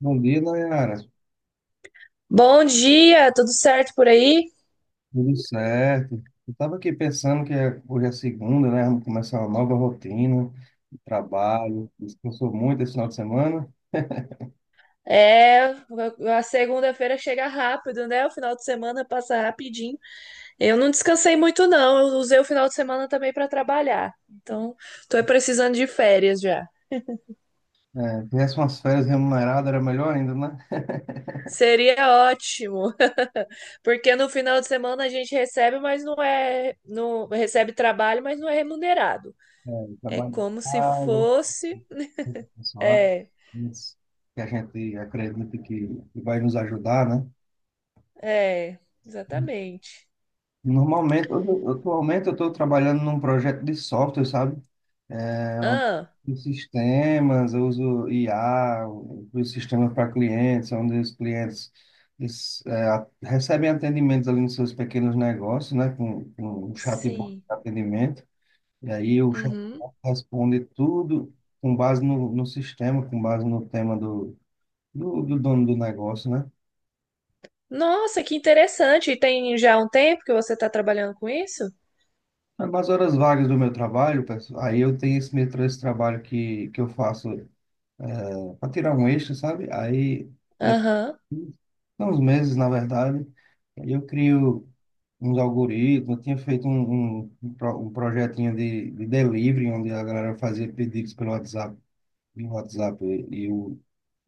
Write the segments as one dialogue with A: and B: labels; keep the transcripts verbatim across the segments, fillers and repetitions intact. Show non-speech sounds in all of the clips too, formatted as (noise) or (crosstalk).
A: Bom dia, Nayara.
B: Bom dia, tudo certo por aí?
A: Tudo certo? Eu estava aqui pensando que é- hoje é segunda, né? Vamos começar uma nova rotina de trabalho. Descansou muito esse final de semana.
B: É, a segunda-feira chega rápido, né? O final de semana passa rapidinho. Eu não descansei muito, não. Eu usei o final de semana também para trabalhar. Então, tô precisando de férias já.
A: É, tivesse umas férias remuneradas, era melhor ainda, né?
B: Seria ótimo, porque no final de semana a gente recebe, mas não é, não recebe trabalho, mas não é remunerado.
A: É,
B: É
A: trabalho em
B: como se
A: casa,
B: fosse,
A: pessoal,
B: é,
A: isso que a gente acredita que, que vai nos ajudar, né?
B: é, exatamente.
A: Normalmente, hoje eu- atualmente, eu estou trabalhando num projeto de software, sabe?
B: Ah,
A: Os sistemas, eu uso I A, os sistemas para clientes, onde os clientes eles, é, a- recebem atendimentos ali nos seus pequenos negócios, né, com, com um chatbot
B: sim.
A: de atendimento, e aí o chatbot
B: Uhum.
A: responde tudo com base no, no sistema, com base no tema do, do, do dono do negócio, né?
B: Nossa, que interessante. E tem já um tempo que você está trabalhando com isso?
A: Mas nas horas vagas do meu trabalho, pessoal, aí eu tenho esse metrô, esse trabalho que, que eu faço para tirar um eixo, sabe? Aí
B: Aham.
A: uns meses, na verdade. Aí eu crio uns algoritmos, eu tinha feito um, um, um pro- um projetinho de, de delivery, onde a galera fazia pedidos pelo WhatsApp, via WhatsApp, e, e o,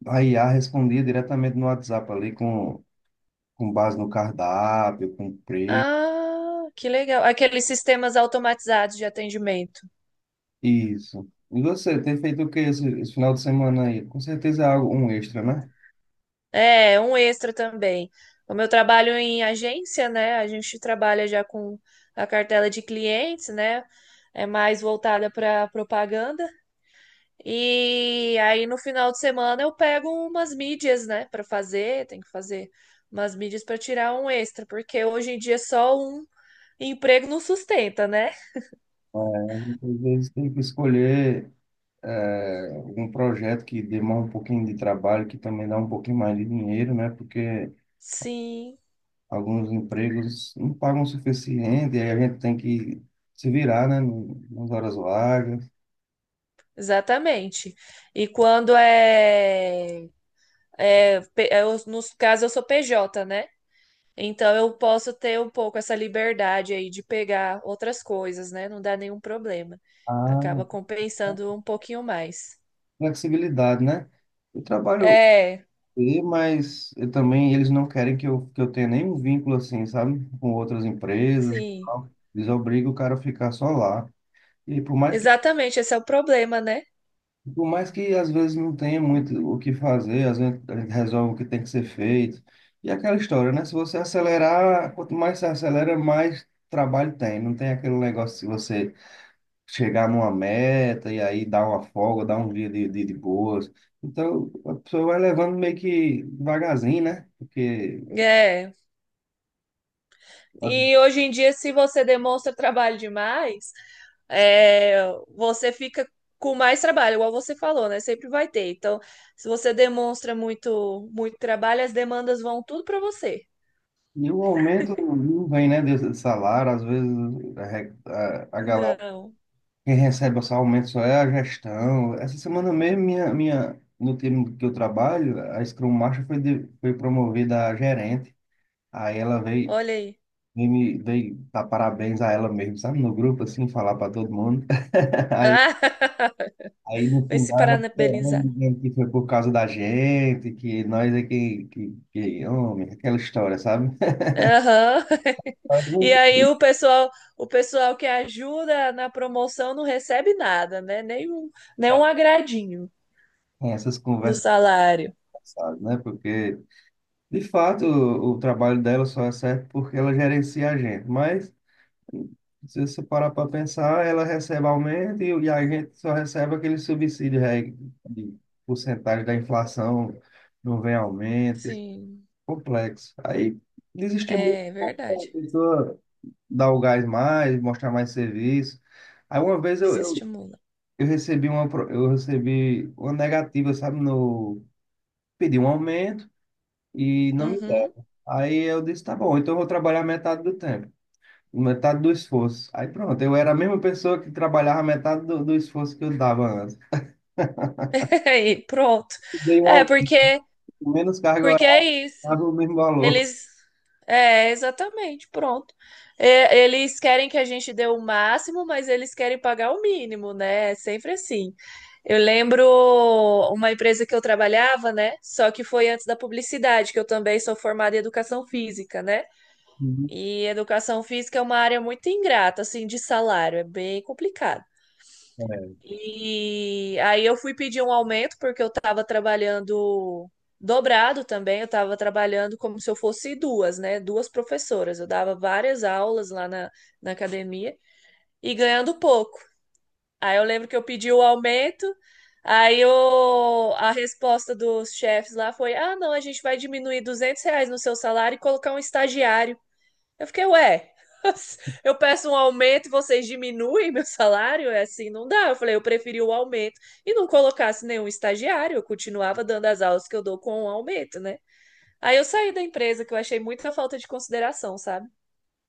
A: a I A respondia diretamente no WhatsApp ali, com, com base no cardápio, com preço,
B: Ah, que legal. Aqueles sistemas automatizados de atendimento.
A: isso. E você, tem feito o que esse, esse final de semana aí? Com certeza é algo, um extra, né?
B: É, um extra também. Como eu trabalho em agência, né? A gente trabalha já com a cartela de clientes, né? É mais voltada para propaganda. E aí no final de semana eu pego umas mídias, né, para fazer, tem que fazer umas mídias para tirar um extra, porque hoje em dia só um emprego não sustenta, né?
A: Às vezes tem que escolher é, um projeto que demora um pouquinho de trabalho, que também dá um pouquinho mais de dinheiro, né? Porque
B: Sim,
A: alguns empregos não pagam o suficiente, e aí a gente tem que se virar, né? no- Nas horas vagas.
B: exatamente. E quando é, é, pe- é os- Nos casos eu sou P J, né? Então eu posso ter um pouco essa liberdade aí de pegar outras coisas, né? Não dá nenhum problema.
A: Ah,
B: Acaba compensando um pouquinho mais.
A: flexibilidade, né? Eu trabalho,
B: É,
A: e- mas eu também eles não querem que eu, que eu tenha nenhum vínculo assim, sabe? Com outras empresas e
B: sim.
A: tal. Eles obrigam o cara a ficar só lá. E por mais que
B: Exatamente, esse é o problema, né?
A: Por mais que às vezes não tenha muito o que fazer, às vezes a gente resolve o que tem que ser feito. E aquela história, né? Se você acelerar, quanto mais você acelera, mais trabalho tem. Não tem aquele negócio de você chegar numa meta e aí dar uma folga, dar um dia de, de, de boas. Então, a pessoa vai levando meio que devagarzinho, né? Porque.
B: É, E hoje em dia, se você demonstra trabalho demais, é, você fica com mais trabalho, igual você falou, né? Sempre vai ter. Então, se você demonstra muito, muito trabalho, as demandas vão tudo para você.
A: E o aumento não vem, né? De de salário, às vezes a, re- a a galera.
B: Não,
A: Quem recebe esse aumento só é a gestão. Essa semana mesmo, minha, minha, no time que eu trabalho, a Scrum Master foi, de- foi promovida a gerente. Aí ela veio,
B: olha aí.
A: veio, me- veio dar parabéns a ela mesmo, sabe? No grupo, assim, falar para todo mundo. (laughs) Aí,
B: Ah, (laughs)
A: aí no
B: vai se
A: final ela
B: parabenizar.
A: chorando, dizendo que foi por causa da gente, que nós é que, que, que homem, aquela história, sabe? (laughs)
B: Aham.
A: Mas não.
B: E aí o pessoal, o pessoal que ajuda na promoção não recebe nada, né? Nem um, nem um agradinho
A: Tem essas
B: no
A: conversas
B: salário.
A: passadas, né? Porque De fato, o, o trabalho dela só é certo porque ela gerencia a gente, mas se você parar para pensar, ela recebe aumento e, e a gente só recebe aquele subsídio re- de porcentagem da inflação, não vem aumento, é
B: Sim,
A: complexo. Aí desestimula um
B: é
A: pouco a
B: verdade.
A: pessoa dar o gás mais, mostrar mais serviço. Aí uma vez eu, eu,
B: Desestimula.
A: eu recebi uma, pro- eu recebi uma negativa, sabe, no, pedi um aumento e não me
B: Uhum.
A: deram. Aí eu disse, tá bom, então eu vou trabalhar metade do tempo, metade do esforço. Aí pronto, eu era a mesma pessoa que trabalhava metade do, do esforço que eu dava antes.
B: (laughs) E pronto.
A: Dei
B: É,
A: um
B: porque,
A: menos carga
B: porque é
A: horária,
B: isso.
A: dava o mesmo valor.
B: Eles. É, exatamente, pronto. É, eles querem que a gente dê o máximo, mas eles querem pagar o mínimo, né? É sempre assim. Eu lembro uma empresa que eu trabalhava, né? Só que foi antes da publicidade, que eu também sou formada em educação física, né?
A: Uhum.
B: E educação física é uma área muito ingrata, assim, de salário, é bem complicado.
A: É.
B: E aí eu fui pedir um aumento porque eu estava trabalhando dobrado também, eu estava trabalhando como se eu fosse duas, né? Duas professoras. Eu dava várias aulas lá na, na academia e ganhando pouco. Aí eu lembro que eu pedi o aumento, aí eu, a resposta dos chefes lá foi: ah, não, a gente vai diminuir duzentos reais no seu salário e colocar um estagiário. Eu fiquei, ué, (laughs) eu peço um aumento e vocês diminuem meu salário? É assim, não dá. Eu falei, eu preferi o aumento e não colocasse nenhum estagiário, eu continuava dando as aulas que eu dou com o aumento, né? Aí eu saí da empresa, que eu achei muita falta de consideração, sabe?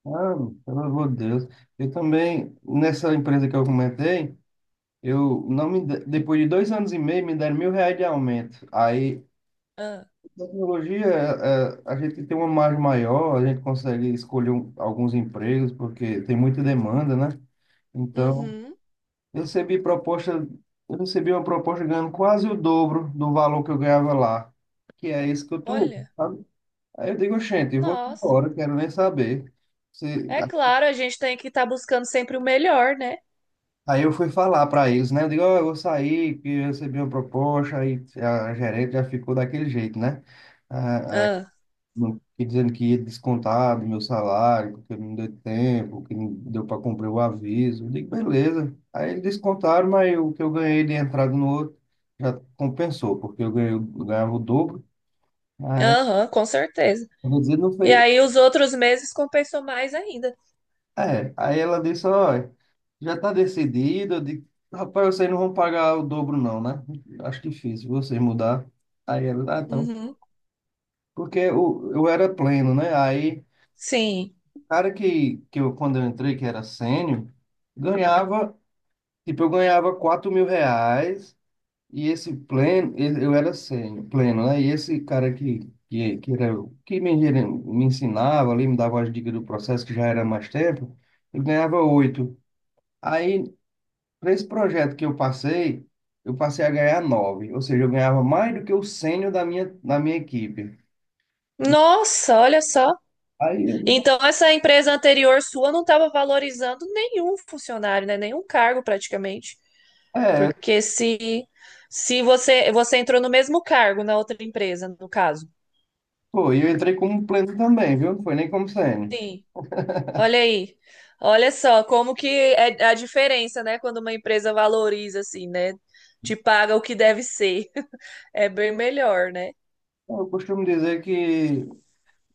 A: Ah, pelo amor de Deus. Eu também, nessa empresa que eu comentei, eu não me, de- depois de dois anos e meio, me deram mil reais de aumento. Aí,
B: Ah,
A: tecnologia, é, é, a gente tem uma margem maior, a gente consegue escolher um- alguns empregos, porque tem muita demanda, né? Então,
B: uhum,
A: eu recebi proposta, eu recebi uma proposta ganhando quase o dobro do valor que eu ganhava lá, que é isso que eu tô,
B: olha,
A: sabe? Aí eu digo, gente, eu vou
B: nossa.
A: embora, quero nem saber. Se-
B: É claro, a gente tem que estar buscando sempre o melhor, né?
A: Aí eu fui falar para eles, né? Eu digo, ó, eu vou sair, que eu recebi uma proposta, aí a gerente já ficou daquele jeito, né? Ah,
B: Ah,
A: não fiquei dizendo que ia descontar do meu salário, porque não deu tempo, que não deu para cumprir o aviso. Eu digo, beleza. Aí eles descontaram, mas o que eu ganhei de entrada no outro já compensou, porque eu ganhei, eu ganhava o dobro. Aí,
B: aham, com certeza.
A: eu vou dizer, não
B: E
A: foi.
B: aí os outros meses compensou mais ainda.
A: É, aí ela disse, olha, já está decidido. Eu digo, rapaz, vocês não vão pagar o dobro não, né? Acho difícil vocês mudar. Aí ela, ah, então.
B: Uhum,
A: Porque eu, eu era pleno, né? Aí
B: sim.
A: cara que, que eu, quando eu entrei, que era sênior, ganhava, tipo, eu ganhava quatro mil reais e esse pleno, ele- eu era sênior, pleno, né? E esse cara que, que, que, era, o- que me, gere- me ensinava ali, me dava as dicas do processo, que já era mais tempo, ele ganhava oito. Aí, para esse projeto que eu passei, eu passei a ganhar nove, ou seja, eu ganhava mais do que o sênior da minha, da minha equipe. E
B: Nossa, olha só.
A: aí, eu disse,
B: Então, essa empresa anterior sua não estava valorizando nenhum funcionário, né? Nenhum cargo praticamente.
A: é,
B: Porque se, se você, você entrou no mesmo cargo na outra empresa, no caso.
A: pô, e eu entrei como pleno também, viu? Não foi nem como sênior.
B: Sim, olha aí. Olha só como que é a diferença, né? Quando uma empresa valoriza, assim, né? Te paga o que deve ser. (laughs) É bem melhor, né?
A: Eu costumo dizer que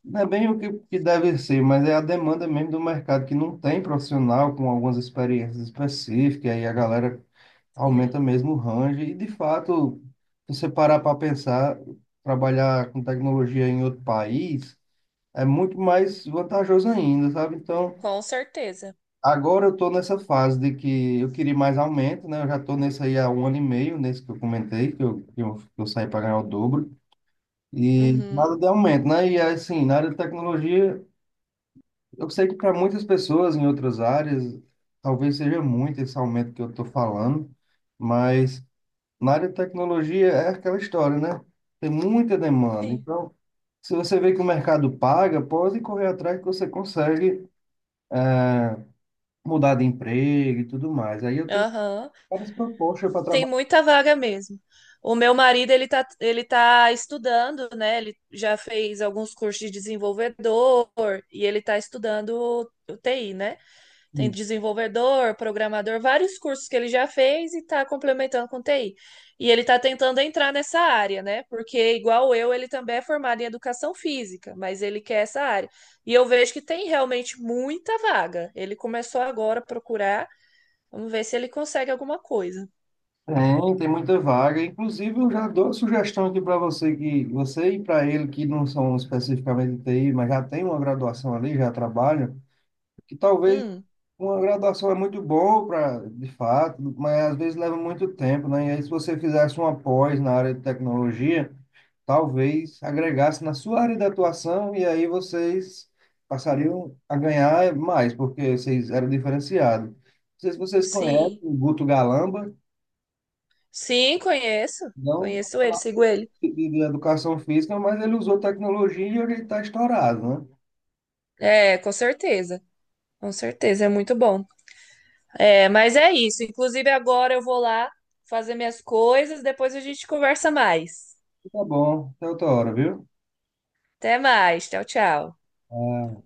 A: não é bem o que, que deve ser, mas é a demanda mesmo do mercado, que não tem profissional com algumas experiências específicas, aí a galera
B: Sim,
A: aumenta mesmo o range, e de fato, se você parar para pensar, trabalhar com tecnologia em outro país é muito mais vantajoso ainda, sabe? Então,
B: com certeza.
A: agora eu estou nessa fase de que eu queria mais aumento, né? Eu já estou nesse aí há um ano e meio, nesse que eu comentei, que eu, que eu, que eu saí para ganhar o dobro. E
B: Uhum,
A: nada de aumento, né? E assim, na área de tecnologia, eu sei que para muitas pessoas em outras áreas, talvez seja muito esse aumento que eu estou falando, mas na área de tecnologia é aquela história, né? Tem muita demanda.
B: sim.
A: Então, se você vê que o mercado paga, pode correr atrás que você consegue mudar de emprego e tudo mais. Aí eu tenho
B: Aham.
A: várias propostas para
B: Tem
A: trabalhar.
B: muita vaga mesmo. O meu marido, ele tá, ele tá estudando, né? Ele já fez alguns cursos de desenvolvedor e ele tá estudando o T I, né? Tem desenvolvedor, programador, vários cursos que ele já fez e tá complementando com T I. E ele tá tentando entrar nessa área, né? Porque igual eu, ele também é formado em educação física, mas ele quer essa área. E eu vejo que tem realmente muita vaga. Ele começou agora a procurar. Vamos ver se ele consegue alguma coisa.
A: Tem, tem muita vaga. Inclusive, eu já dou a sugestão aqui para você que você e para ele que não são especificamente de T I, mas já tem uma graduação ali, já trabalham, que talvez
B: Hum.
A: uma graduação é muito boa para, de fato, mas às vezes leva muito tempo, né? E aí, se você fizesse uma pós na área de tecnologia, talvez agregasse na sua área de atuação e aí vocês passariam a ganhar mais, porque vocês eram diferenciados. Não sei se vocês conhecem
B: Sim.
A: o Guto Galamba,
B: Sim, conheço.
A: não
B: Conheço ele, sigo ele.
A: de, de educação física, mas ele usou tecnologia e ele está estourado, né?
B: É, com certeza. Com certeza, é muito bom. É, mas é isso. Inclusive, agora eu vou lá fazer minhas coisas, depois a gente conversa mais.
A: Tá bom, até outra hora, viu?
B: Até mais. Tchau, tchau.
A: Ah,